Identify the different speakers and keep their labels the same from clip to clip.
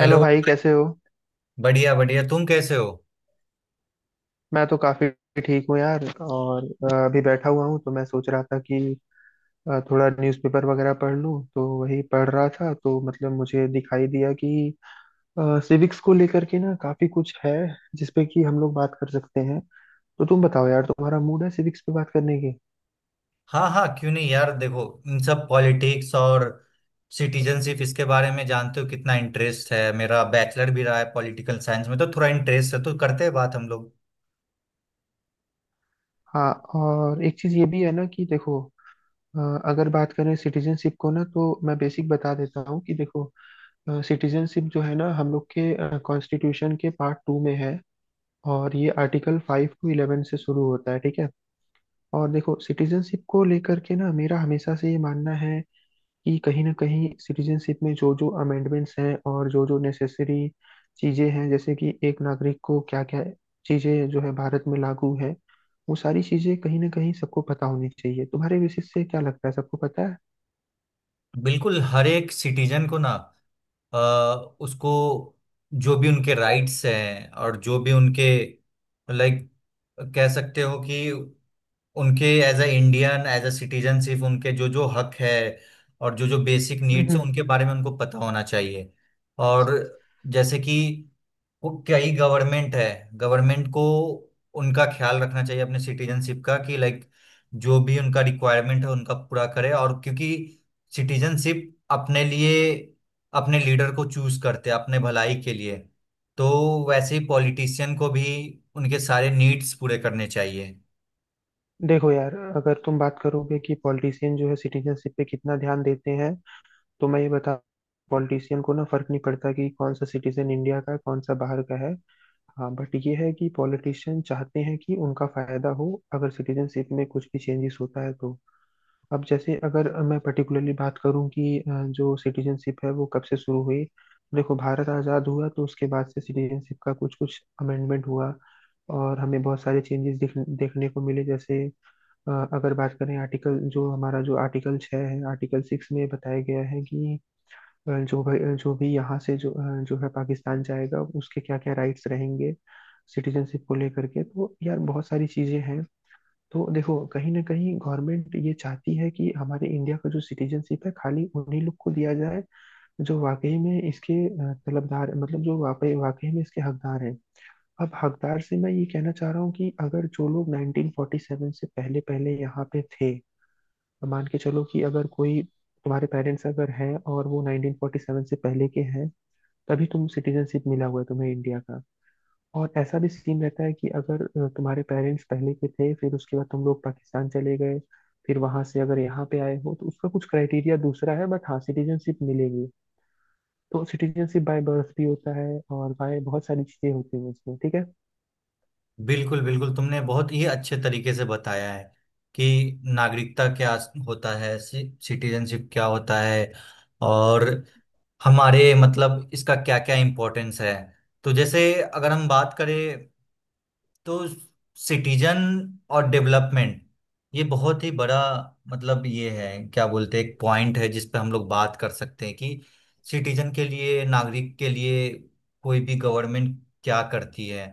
Speaker 1: Hello
Speaker 2: hello.
Speaker 1: भाई कैसे हो।
Speaker 2: बढ़िया बढ़िया, तुम कैसे हो।
Speaker 1: मैं तो काफी ठीक हूँ यार। और अभी बैठा हुआ हूँ तो मैं सोच रहा था कि थोड़ा न्यूज़पेपर वगैरह पढ़ लूँ, तो वही पढ़ रहा था। तो मतलब मुझे दिखाई दिया कि सिविक्स को लेकर के ना काफी कुछ है जिसपे कि हम लोग बात कर सकते हैं। तो तुम बताओ यार, तुम्हारा मूड है सिविक्स पे बात करने की।
Speaker 2: हाँ हाँ, क्यों नहीं यार, देखो इन सब पॉलिटिक्स और सिटीजनशिप इसके बारे में जानते हो कितना इंटरेस्ट है मेरा, बैचलर भी रहा है पॉलिटिकल साइंस में तो थोड़ा इंटरेस्ट है, तो करते हैं बात हम लोग।
Speaker 1: हाँ और एक चीज ये भी है ना कि देखो, अ, अगर बात करें सिटीजनशिप को ना, तो मैं बेसिक बता देता हूँ कि देखो, सिटीजनशिप जो है ना, हम लोग के कॉन्स्टिट्यूशन के पार्ट टू में है। और ये आर्टिकल फाइव टू इलेवन से शुरू होता है, ठीक है। और देखो सिटीजनशिप को लेकर के ना, मेरा हमेशा से ये मानना है कि कहीं ना कहीं सिटीजनशिप में जो जो अमेंडमेंट्स हैं और जो जो नेसेसरी चीजें हैं, जैसे कि एक नागरिक को क्या क्या चीजें जो है भारत में लागू है, वो सारी चीजें कहीं ना कहीं सबको पता होनी चाहिए। तुम्हारे बेसिस से क्या लगता है, सबको पता है?
Speaker 2: बिल्कुल, हर एक सिटीजन को ना, अ, उसको जो भी उनके राइट्स हैं और जो भी उनके लाइक कह सकते हो कि उनके as a Indian, as a citizen, सिर्फ उनके जो जो हक है और जो जो बेसिक नीड्स है
Speaker 1: हम्म,
Speaker 2: उनके बारे में उनको पता होना चाहिए। और जैसे कि वो कई गवर्नमेंट है, गवर्नमेंट को उनका ख्याल रखना चाहिए अपने सिटीजनशिप का कि लाइक जो भी उनका रिक्वायरमेंट है उनका पूरा करे। और क्योंकि सिटीजनशिप अपने लिए अपने लीडर को चूज करते हैं अपने भलाई के लिए, तो वैसे ही पॉलिटिशियन को भी उनके सारे नीड्स पूरे करने चाहिए।
Speaker 1: देखो यार, अगर तुम बात करोगे कि पॉलिटिशियन जो है सिटीजनशिप पे कितना ध्यान देते हैं, तो मैं ये बता, पॉलिटिशियन को ना फर्क नहीं पड़ता कि कौन सा सिटीजन इंडिया का है कौन सा बाहर का है। हाँ, बट ये है कि पॉलिटिशियन चाहते हैं कि उनका फायदा हो अगर सिटीजनशिप में कुछ भी चेंजेस होता है तो। अब जैसे अगर मैं पर्टिकुलरली बात करूं कि जो सिटीजनशिप है वो कब से शुरू हुई। देखो, भारत आज़ाद हुआ तो उसके बाद से सिटीजनशिप का कुछ कुछ अमेंडमेंट हुआ, और हमें बहुत सारे चेंजेस देखने को मिले। जैसे अगर बात करें आर्टिकल, जो हमारा जो आर्टिकल छः है, आर्टिकल सिक्स में बताया गया है कि जो भाई जो भी यहाँ से जो जो है पाकिस्तान जाएगा उसके क्या क्या राइट्स रहेंगे सिटीजनशिप को लेकर के। तो यार बहुत सारी चीजें हैं। तो देखो कहीं ना कहीं गवर्नमेंट ये चाहती है कि हमारे इंडिया का जो सिटीजनशिप है खाली उन्हीं लोग को दिया जाए जो वाकई में इसके तलबदार, मतलब जो वाकई वाकई में इसके हकदार हैं। अब हकदार से मैं ये कहना चाह रहा हूँ कि अगर जो लोग 1947 से पहले पहले यहाँ पे थे, मान के चलो कि अगर कोई तुम्हारे पेरेंट्स अगर हैं और वो 1947 से पहले के हैं, तभी तुम सिटीजनशिप मिला हुआ है तुम्हें इंडिया का। और ऐसा भी सीन रहता है कि अगर तुम्हारे पेरेंट्स पहले के थे, फिर उसके बाद तुम लोग पाकिस्तान चले गए, फिर वहां से अगर यहाँ पे आए हो, तो उसका कुछ क्राइटेरिया दूसरा है, बट हाँ सिटीजनशिप मिलेगी। तो सिटीजनशिप बाय बर्थ भी होता है और बाय बहुत सारी चीजें होती हैं इसमें, ठीक है।
Speaker 2: बिल्कुल बिल्कुल, तुमने बहुत ही अच्छे तरीके से बताया है कि नागरिकता क्या होता है, सिटीजनशिप क्या होता है और हमारे मतलब इसका क्या क्या इम्पोर्टेंस है। तो जैसे अगर हम बात करें तो सिटीजन और डेवलपमेंट, ये बहुत ही बड़ा मतलब ये है, क्या बोलते हैं, एक पॉइंट है जिस पे हम लोग बात कर सकते हैं कि सिटीजन के लिए, नागरिक के लिए कोई भी गवर्नमेंट क्या करती है,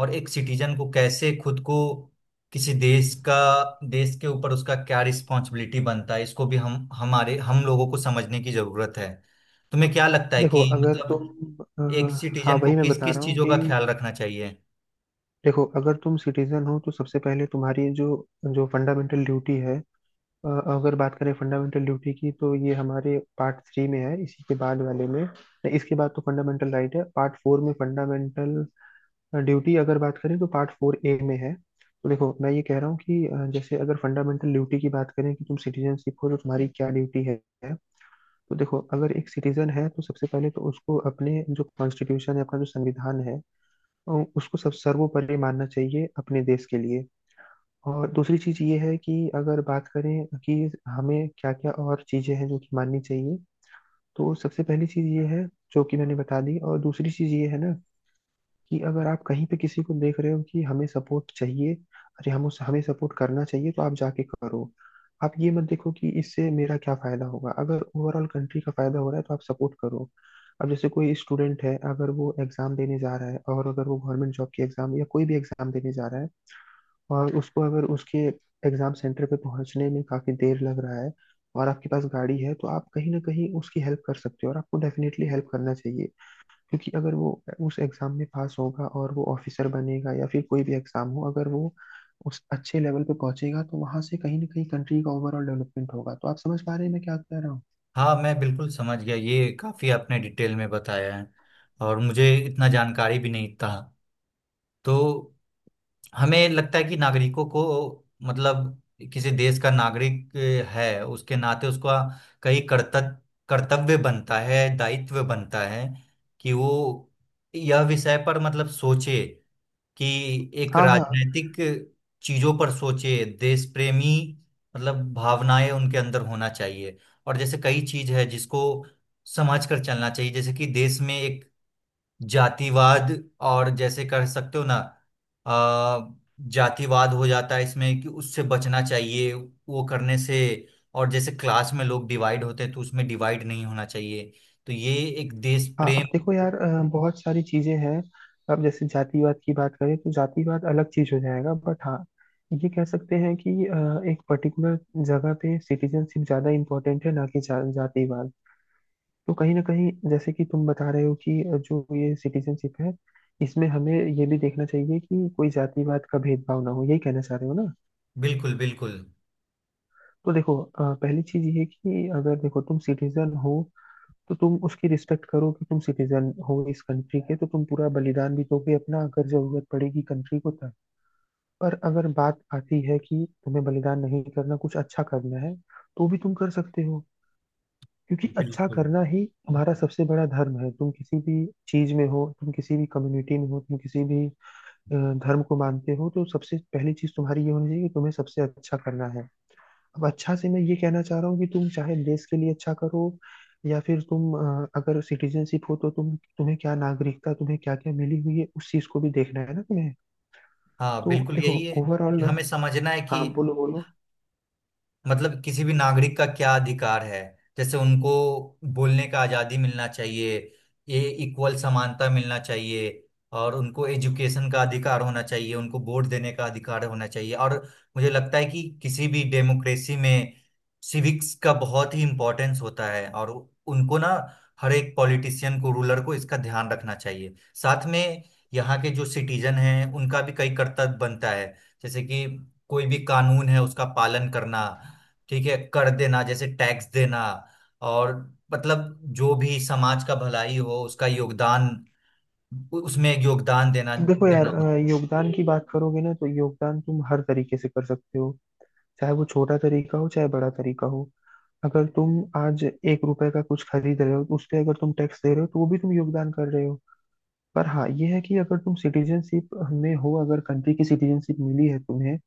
Speaker 2: और एक सिटीजन को कैसे खुद को किसी देश का, देश के ऊपर उसका क्या रिस्पॉन्सिबिलिटी बनता है, इसको भी हम हमारे हम लोगों को समझने की जरूरत है। तुम्हें क्या लगता है
Speaker 1: देखो
Speaker 2: कि
Speaker 1: अगर
Speaker 2: मतलब
Speaker 1: तुम अ,
Speaker 2: एक
Speaker 1: हाँ
Speaker 2: सिटीजन को
Speaker 1: वही मैं
Speaker 2: किस
Speaker 1: बता
Speaker 2: किस
Speaker 1: रहा हूँ
Speaker 2: चीजों
Speaker 1: कि
Speaker 2: का ख्याल रखना चाहिए।
Speaker 1: देखो अगर तुम सिटीजन हो तो सबसे पहले तुम्हारी जो जो फंडामेंटल ड्यूटी है, अ, अगर बात करें फंडामेंटल ड्यूटी की, तो ये हमारे पार्ट थ्री में है, इसी के बाद वाले में। नहीं, इसके बाद तो फंडामेंटल राइट है पार्ट फोर में, फंडामेंटल ड्यूटी अगर बात करें तो पार्ट फोर ए में है। तो देखो मैं ये कह रहा हूँ कि जैसे अगर फंडामेंटल ड्यूटी की बात करें कि तुम सिटीजनशिप हो तो तुम्हारी क्या ड्यूटी है। तो देखो अगर एक सिटीजन है, तो सबसे पहले तो उसको अपने जो कॉन्स्टिट्यूशन है, अपना जो संविधान है, अ, उसको सब सर्वोपरि मानना चाहिए अपने देश के लिए। और दूसरी चीज ये है कि अगर बात करें कि हमें क्या क्या और चीजें हैं जो कि माननी चाहिए, तो सबसे पहली चीज ये है जो कि मैंने बता दी। और दूसरी चीज ये है ना कि अगर आप कहीं पे किसी को देख रहे हो कि हमें सपोर्ट चाहिए, अरे हम उस हमें सपोर्ट करना चाहिए तो आप जाके करो। आप ये मत देखो कि इससे मेरा क्या फायदा होगा, अगर ओवरऑल कंट्री का फायदा हो रहा है तो आप सपोर्ट करो। अब जैसे कोई स्टूडेंट है, अगर वो एग्जाम देने जा रहा है, और अगर वो गवर्नमेंट जॉब की एग्जाम या कोई भी एग्जाम देने जा रहा है, और उसको अगर उसके एग्जाम सेंटर पे पहुंचने में काफी देर लग रहा है और आपके पास गाड़ी है, तो आप कहीं ना कहीं उसकी हेल्प कर सकते हो और आपको डेफिनेटली हेल्प करना चाहिए। क्योंकि अगर वो उस एग्जाम में पास होगा और वो ऑफिसर बनेगा या फिर कोई भी एग्जाम हो, अगर वो उस अच्छे लेवल पे पहुंचेगा तो वहां से कहीं ना कहीं कंट्री का ओवरऑल डेवलपमेंट होगा। तो आप समझ पा रहे हैं मैं क्या कह रहा हूँ?
Speaker 2: हाँ मैं बिल्कुल समझ गया, ये काफी आपने डिटेल में बताया है और मुझे इतना जानकारी भी नहीं था। तो हमें लगता है कि नागरिकों को, मतलब किसी देश का नागरिक है उसके नाते उसका कई कर्तव्य, कर्तव्य बनता है, दायित्व बनता है कि वो यह विषय पर मतलब सोचे कि एक
Speaker 1: हाँ हाँ
Speaker 2: राजनीतिक चीजों पर सोचे, देश प्रेमी मतलब भावनाएं उनके अंदर होना चाहिए। और जैसे कई चीज है जिसको समझ कर चलना चाहिए, जैसे कि देश में एक जातिवाद, और जैसे कह सकते हो ना, अ, जातिवाद हो जाता है इसमें कि उससे बचना चाहिए, वो करने से। और जैसे क्लास में लोग डिवाइड होते हैं तो उसमें डिवाइड नहीं होना चाहिए। तो ये एक देश
Speaker 1: हाँ।
Speaker 2: प्रेम।
Speaker 1: अब देखो यार, बहुत सारी चीजें हैं। अब जैसे जातिवाद की बात करें, तो जातिवाद अलग चीज हो जाएगा, बट हाँ ये कह सकते हैं कि एक पर्टिकुलर जगह पे सिटीजनशिप ज्यादा इम्पोर्टेंट है ना कि जातिवाद। तो कहीं ना कहीं जैसे कि तुम बता रहे हो कि जो ये सिटीजनशिप है, इसमें हमें ये भी देखना चाहिए कि कोई जातिवाद का भेदभाव ना हो, यही कहना चाह रहे हो ना।
Speaker 2: बिल्कुल बिल्कुल
Speaker 1: तो देखो पहली चीज ये है कि अगर देखो तुम सिटीजन हो, तो तुम उसकी रिस्पेक्ट करो कि तुम सिटीजन हो इस कंट्री के, तो तुम पूरा बलिदान भी दोगे अपना अगर जरूरत पड़ेगी कंट्री को तब। पर अगर बात आती है कि तुम्हें बलिदान नहीं करना कुछ अच्छा करना है, तो भी तुम कर सकते हो, क्योंकि अच्छा
Speaker 2: बिल्कुल।
Speaker 1: करना ही हमारा सबसे बड़ा धर्म है। तुम किसी भी चीज में हो, तुम किसी भी कम्युनिटी में हो, तुम किसी भी धर्म को मानते हो, तो सबसे पहली चीज तुम्हारी ये होनी चाहिए कि तुम्हें सबसे अच्छा करना है। अब अच्छा से मैं ये कहना चाह रहा हूँ कि तुम चाहे देश के लिए अच्छा करो, या फिर तुम अगर सिटीजनशिप हो तो तुम्हें क्या नागरिकता तुम्हें क्या क्या मिली हुई है उस चीज को भी देखना है ना तुम्हें।
Speaker 2: हाँ
Speaker 1: तो
Speaker 2: बिल्कुल,
Speaker 1: देखो
Speaker 2: यही है कि
Speaker 1: ओवरऑल,
Speaker 2: हमें समझना है कि
Speaker 1: हाँ बोलो बोलो।
Speaker 2: मतलब किसी भी नागरिक का क्या अधिकार है। जैसे उनको बोलने का आजादी मिलना चाहिए, ये इक्वल समानता मिलना चाहिए, और उनको एजुकेशन का अधिकार होना चाहिए, उनको वोट देने का अधिकार होना चाहिए। और मुझे लगता है कि किसी भी डेमोक्रेसी में सिविक्स का बहुत ही इम्पोर्टेंस होता है, और उनको ना हर एक पॉलिटिशियन को, रूलर को इसका ध्यान रखना चाहिए। साथ में यहाँ के जो सिटीजन हैं उनका भी कई कर्तव्य बनता है, जैसे कि कोई भी कानून है उसका पालन करना, ठीक है कर देना, जैसे टैक्स देना। और मतलब जो भी समाज का भलाई हो उसका योगदान, उसमें एक योगदान देना,
Speaker 1: अब देखो यार,
Speaker 2: देना हो।
Speaker 1: योगदान की बात करोगे ना, तो योगदान तुम हर तरीके से कर सकते हो, चाहे वो छोटा तरीका हो चाहे बड़ा तरीका हो। अगर तुम आज एक रुपए का कुछ खरीद रहे हो तो उस पे अगर तुम टैक्स दे रहे हो, तो वो भी तुम योगदान कर रहे हो। पर हाँ ये है कि अगर तुम सिटीजनशिप में हो, अगर कंट्री की सिटीजनशिप मिली है तुम्हें,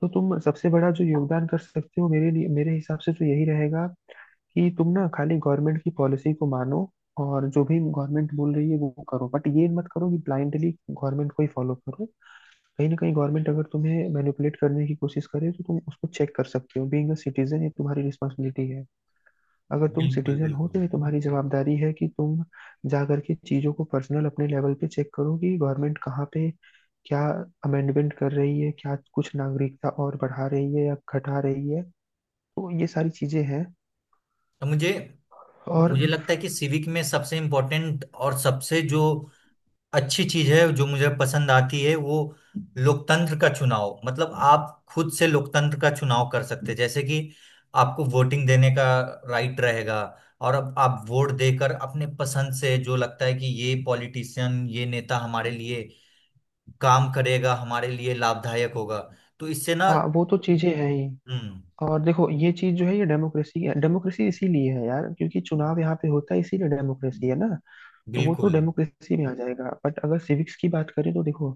Speaker 1: तो तुम सबसे बड़ा जो योगदान कर सकते हो मेरे लिए, मेरे हिसाब से तो यही रहेगा कि तुम ना खाली गवर्नमेंट की पॉलिसी को मानो और जो भी गवर्नमेंट बोल रही है वो करो, बट ये मत करो कि ब्लाइंडली गवर्नमेंट को ही फॉलो करो। कहीं ना कहीं गवर्नमेंट अगर तुम्हें मैनिपुलेट करने की कोशिश करे, तो तुम उसको चेक कर सकते हो, बीइंग अ सिटीजन ये तुम्हारी रिस्पॉन्सिबिलिटी है। अगर तुम
Speaker 2: बिल्कुल
Speaker 1: सिटीजन हो
Speaker 2: बिल्कुल।
Speaker 1: तो ये तुम्हारी जवाबदारी है कि तुम जा करके चीजों को पर्सनल अपने लेवल पे चेक करो कि गवर्नमेंट कहाँ पे क्या अमेंडमेंट कर रही है, क्या कुछ नागरिकता और बढ़ा रही है या घटा रही है। तो ये सारी चीजें हैं।
Speaker 2: तो मुझे
Speaker 1: और
Speaker 2: मुझे लगता है कि सिविक में सबसे इम्पोर्टेंट और सबसे जो अच्छी चीज है जो मुझे पसंद आती है वो लोकतंत्र का चुनाव, मतलब आप खुद से लोकतंत्र का चुनाव कर सकते हैं। जैसे कि आपको वोटिंग देने का राइट रहेगा, और अब आप वोट देकर अपने पसंद से जो लगता है कि ये पॉलिटिशियन, ये नेता हमारे लिए काम करेगा, हमारे लिए लाभदायक होगा, तो इससे ना।
Speaker 1: हाँ, वो तो चीजें हैं ही।
Speaker 2: हम्म।
Speaker 1: और देखो ये चीज जो है, ये डेमोक्रेसी है, डेमोक्रेसी इसीलिए है यार क्योंकि चुनाव यहाँ पे होता है, इसीलिए डेमोक्रेसी है ना। तो वो तो
Speaker 2: बिल्कुल
Speaker 1: डेमोक्रेसी में आ जाएगा, बट अगर सिविक्स की बात करें तो देखो,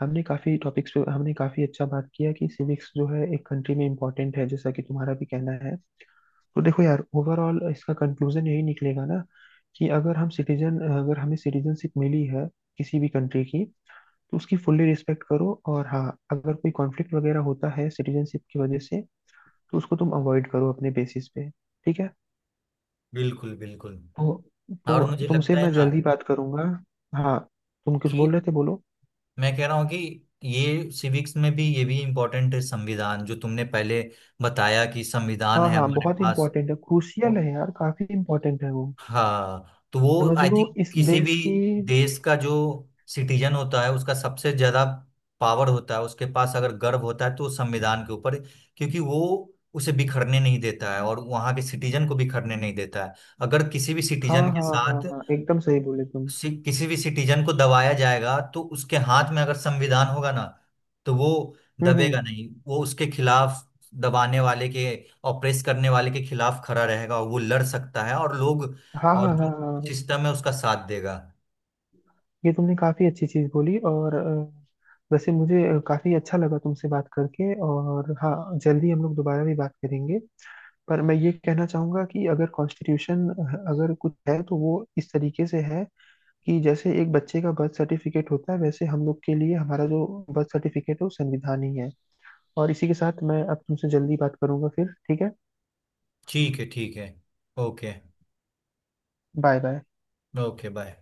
Speaker 1: हमने काफी टॉपिक्स पे, हमने काफी अच्छा बात किया कि सिविक्स जो है एक कंट्री में इम्पोर्टेंट है, जैसा कि तुम्हारा भी कहना है। तो देखो यार, ओवरऑल इसका कंक्लूजन यही निकलेगा ना कि अगर हम सिटीजन, अगर हमें सिटीजनशिप मिली है किसी भी कंट्री की, तो उसकी फुल्ली रिस्पेक्ट करो। और हाँ, अगर कोई कॉन्फ्लिक्ट वगैरह होता है सिटीजनशिप की वजह से, तो उसको तुम अवॉइड करो अपने बेसिस पे, ठीक है।
Speaker 2: बिल्कुल बिल्कुल।
Speaker 1: तो
Speaker 2: और
Speaker 1: तो
Speaker 2: मुझे
Speaker 1: तुमसे
Speaker 2: लगता है
Speaker 1: मैं
Speaker 2: ना
Speaker 1: जल्दी बात करूंगा। हाँ, तुम कुछ
Speaker 2: कि
Speaker 1: बोल रहे थे, बोलो।
Speaker 2: मैं कह रहा हूँ कि ये सिविक्स में भी ये भी इम्पोर्टेंट है, संविधान जो तुमने पहले बताया कि संविधान
Speaker 1: हाँ
Speaker 2: है
Speaker 1: हाँ,
Speaker 2: हमारे
Speaker 1: बहुत
Speaker 2: पास।
Speaker 1: इम्पोर्टेंट है, क्रूशियल है यार, काफी इम्पोर्टेंट है वो,
Speaker 2: हाँ तो वो
Speaker 1: समझ
Speaker 2: आई
Speaker 1: लो
Speaker 2: थिंक
Speaker 1: इस
Speaker 2: किसी भी
Speaker 1: देश की।
Speaker 2: देश का जो सिटीजन होता है उसका सबसे ज्यादा पावर होता है उसके पास, अगर गर्व होता है तो उस संविधान के ऊपर। क्योंकि वो उसे बिखरने नहीं देता है और वहां के सिटीजन को बिखरने नहीं देता है। अगर किसी भी
Speaker 1: हाँ
Speaker 2: सिटीजन के
Speaker 1: हाँ हाँ
Speaker 2: साथ,
Speaker 1: हाँ, एकदम सही बोले तुम।
Speaker 2: किसी भी सिटीजन को दबाया जाएगा, तो उसके हाथ में अगर संविधान होगा ना, तो वो दबेगा
Speaker 1: हम्म।
Speaker 2: नहीं, वो उसके खिलाफ, दबाने वाले के, ऑप्रेस करने वाले के खिलाफ खड़ा रहेगा, और वो लड़ सकता है। और लोग
Speaker 1: हाँ हाँ
Speaker 2: और
Speaker 1: हाँ हाँ हाँ।
Speaker 2: सिस्टम है उसका साथ देगा।
Speaker 1: ये तुमने काफी अच्छी चीज बोली। और वैसे मुझे काफी अच्छा लगा तुमसे बात करके, और हाँ जल्दी हम लोग दोबारा भी बात करेंगे। पर मैं ये कहना चाहूंगा कि अगर कॉन्स्टिट्यूशन, अगर कुछ है तो वो इस तरीके से है कि जैसे एक बच्चे का बर्थ सर्टिफिकेट होता है, वैसे हम लोग के लिए हमारा जो बर्थ सर्टिफिकेट है वो संविधान ही है। और इसी के साथ मैं अब तुमसे जल्दी बात करूंगा फिर, ठीक है।
Speaker 2: ठीक है ठीक है। Okay.
Speaker 1: Bye bye.
Speaker 2: Okay, bye.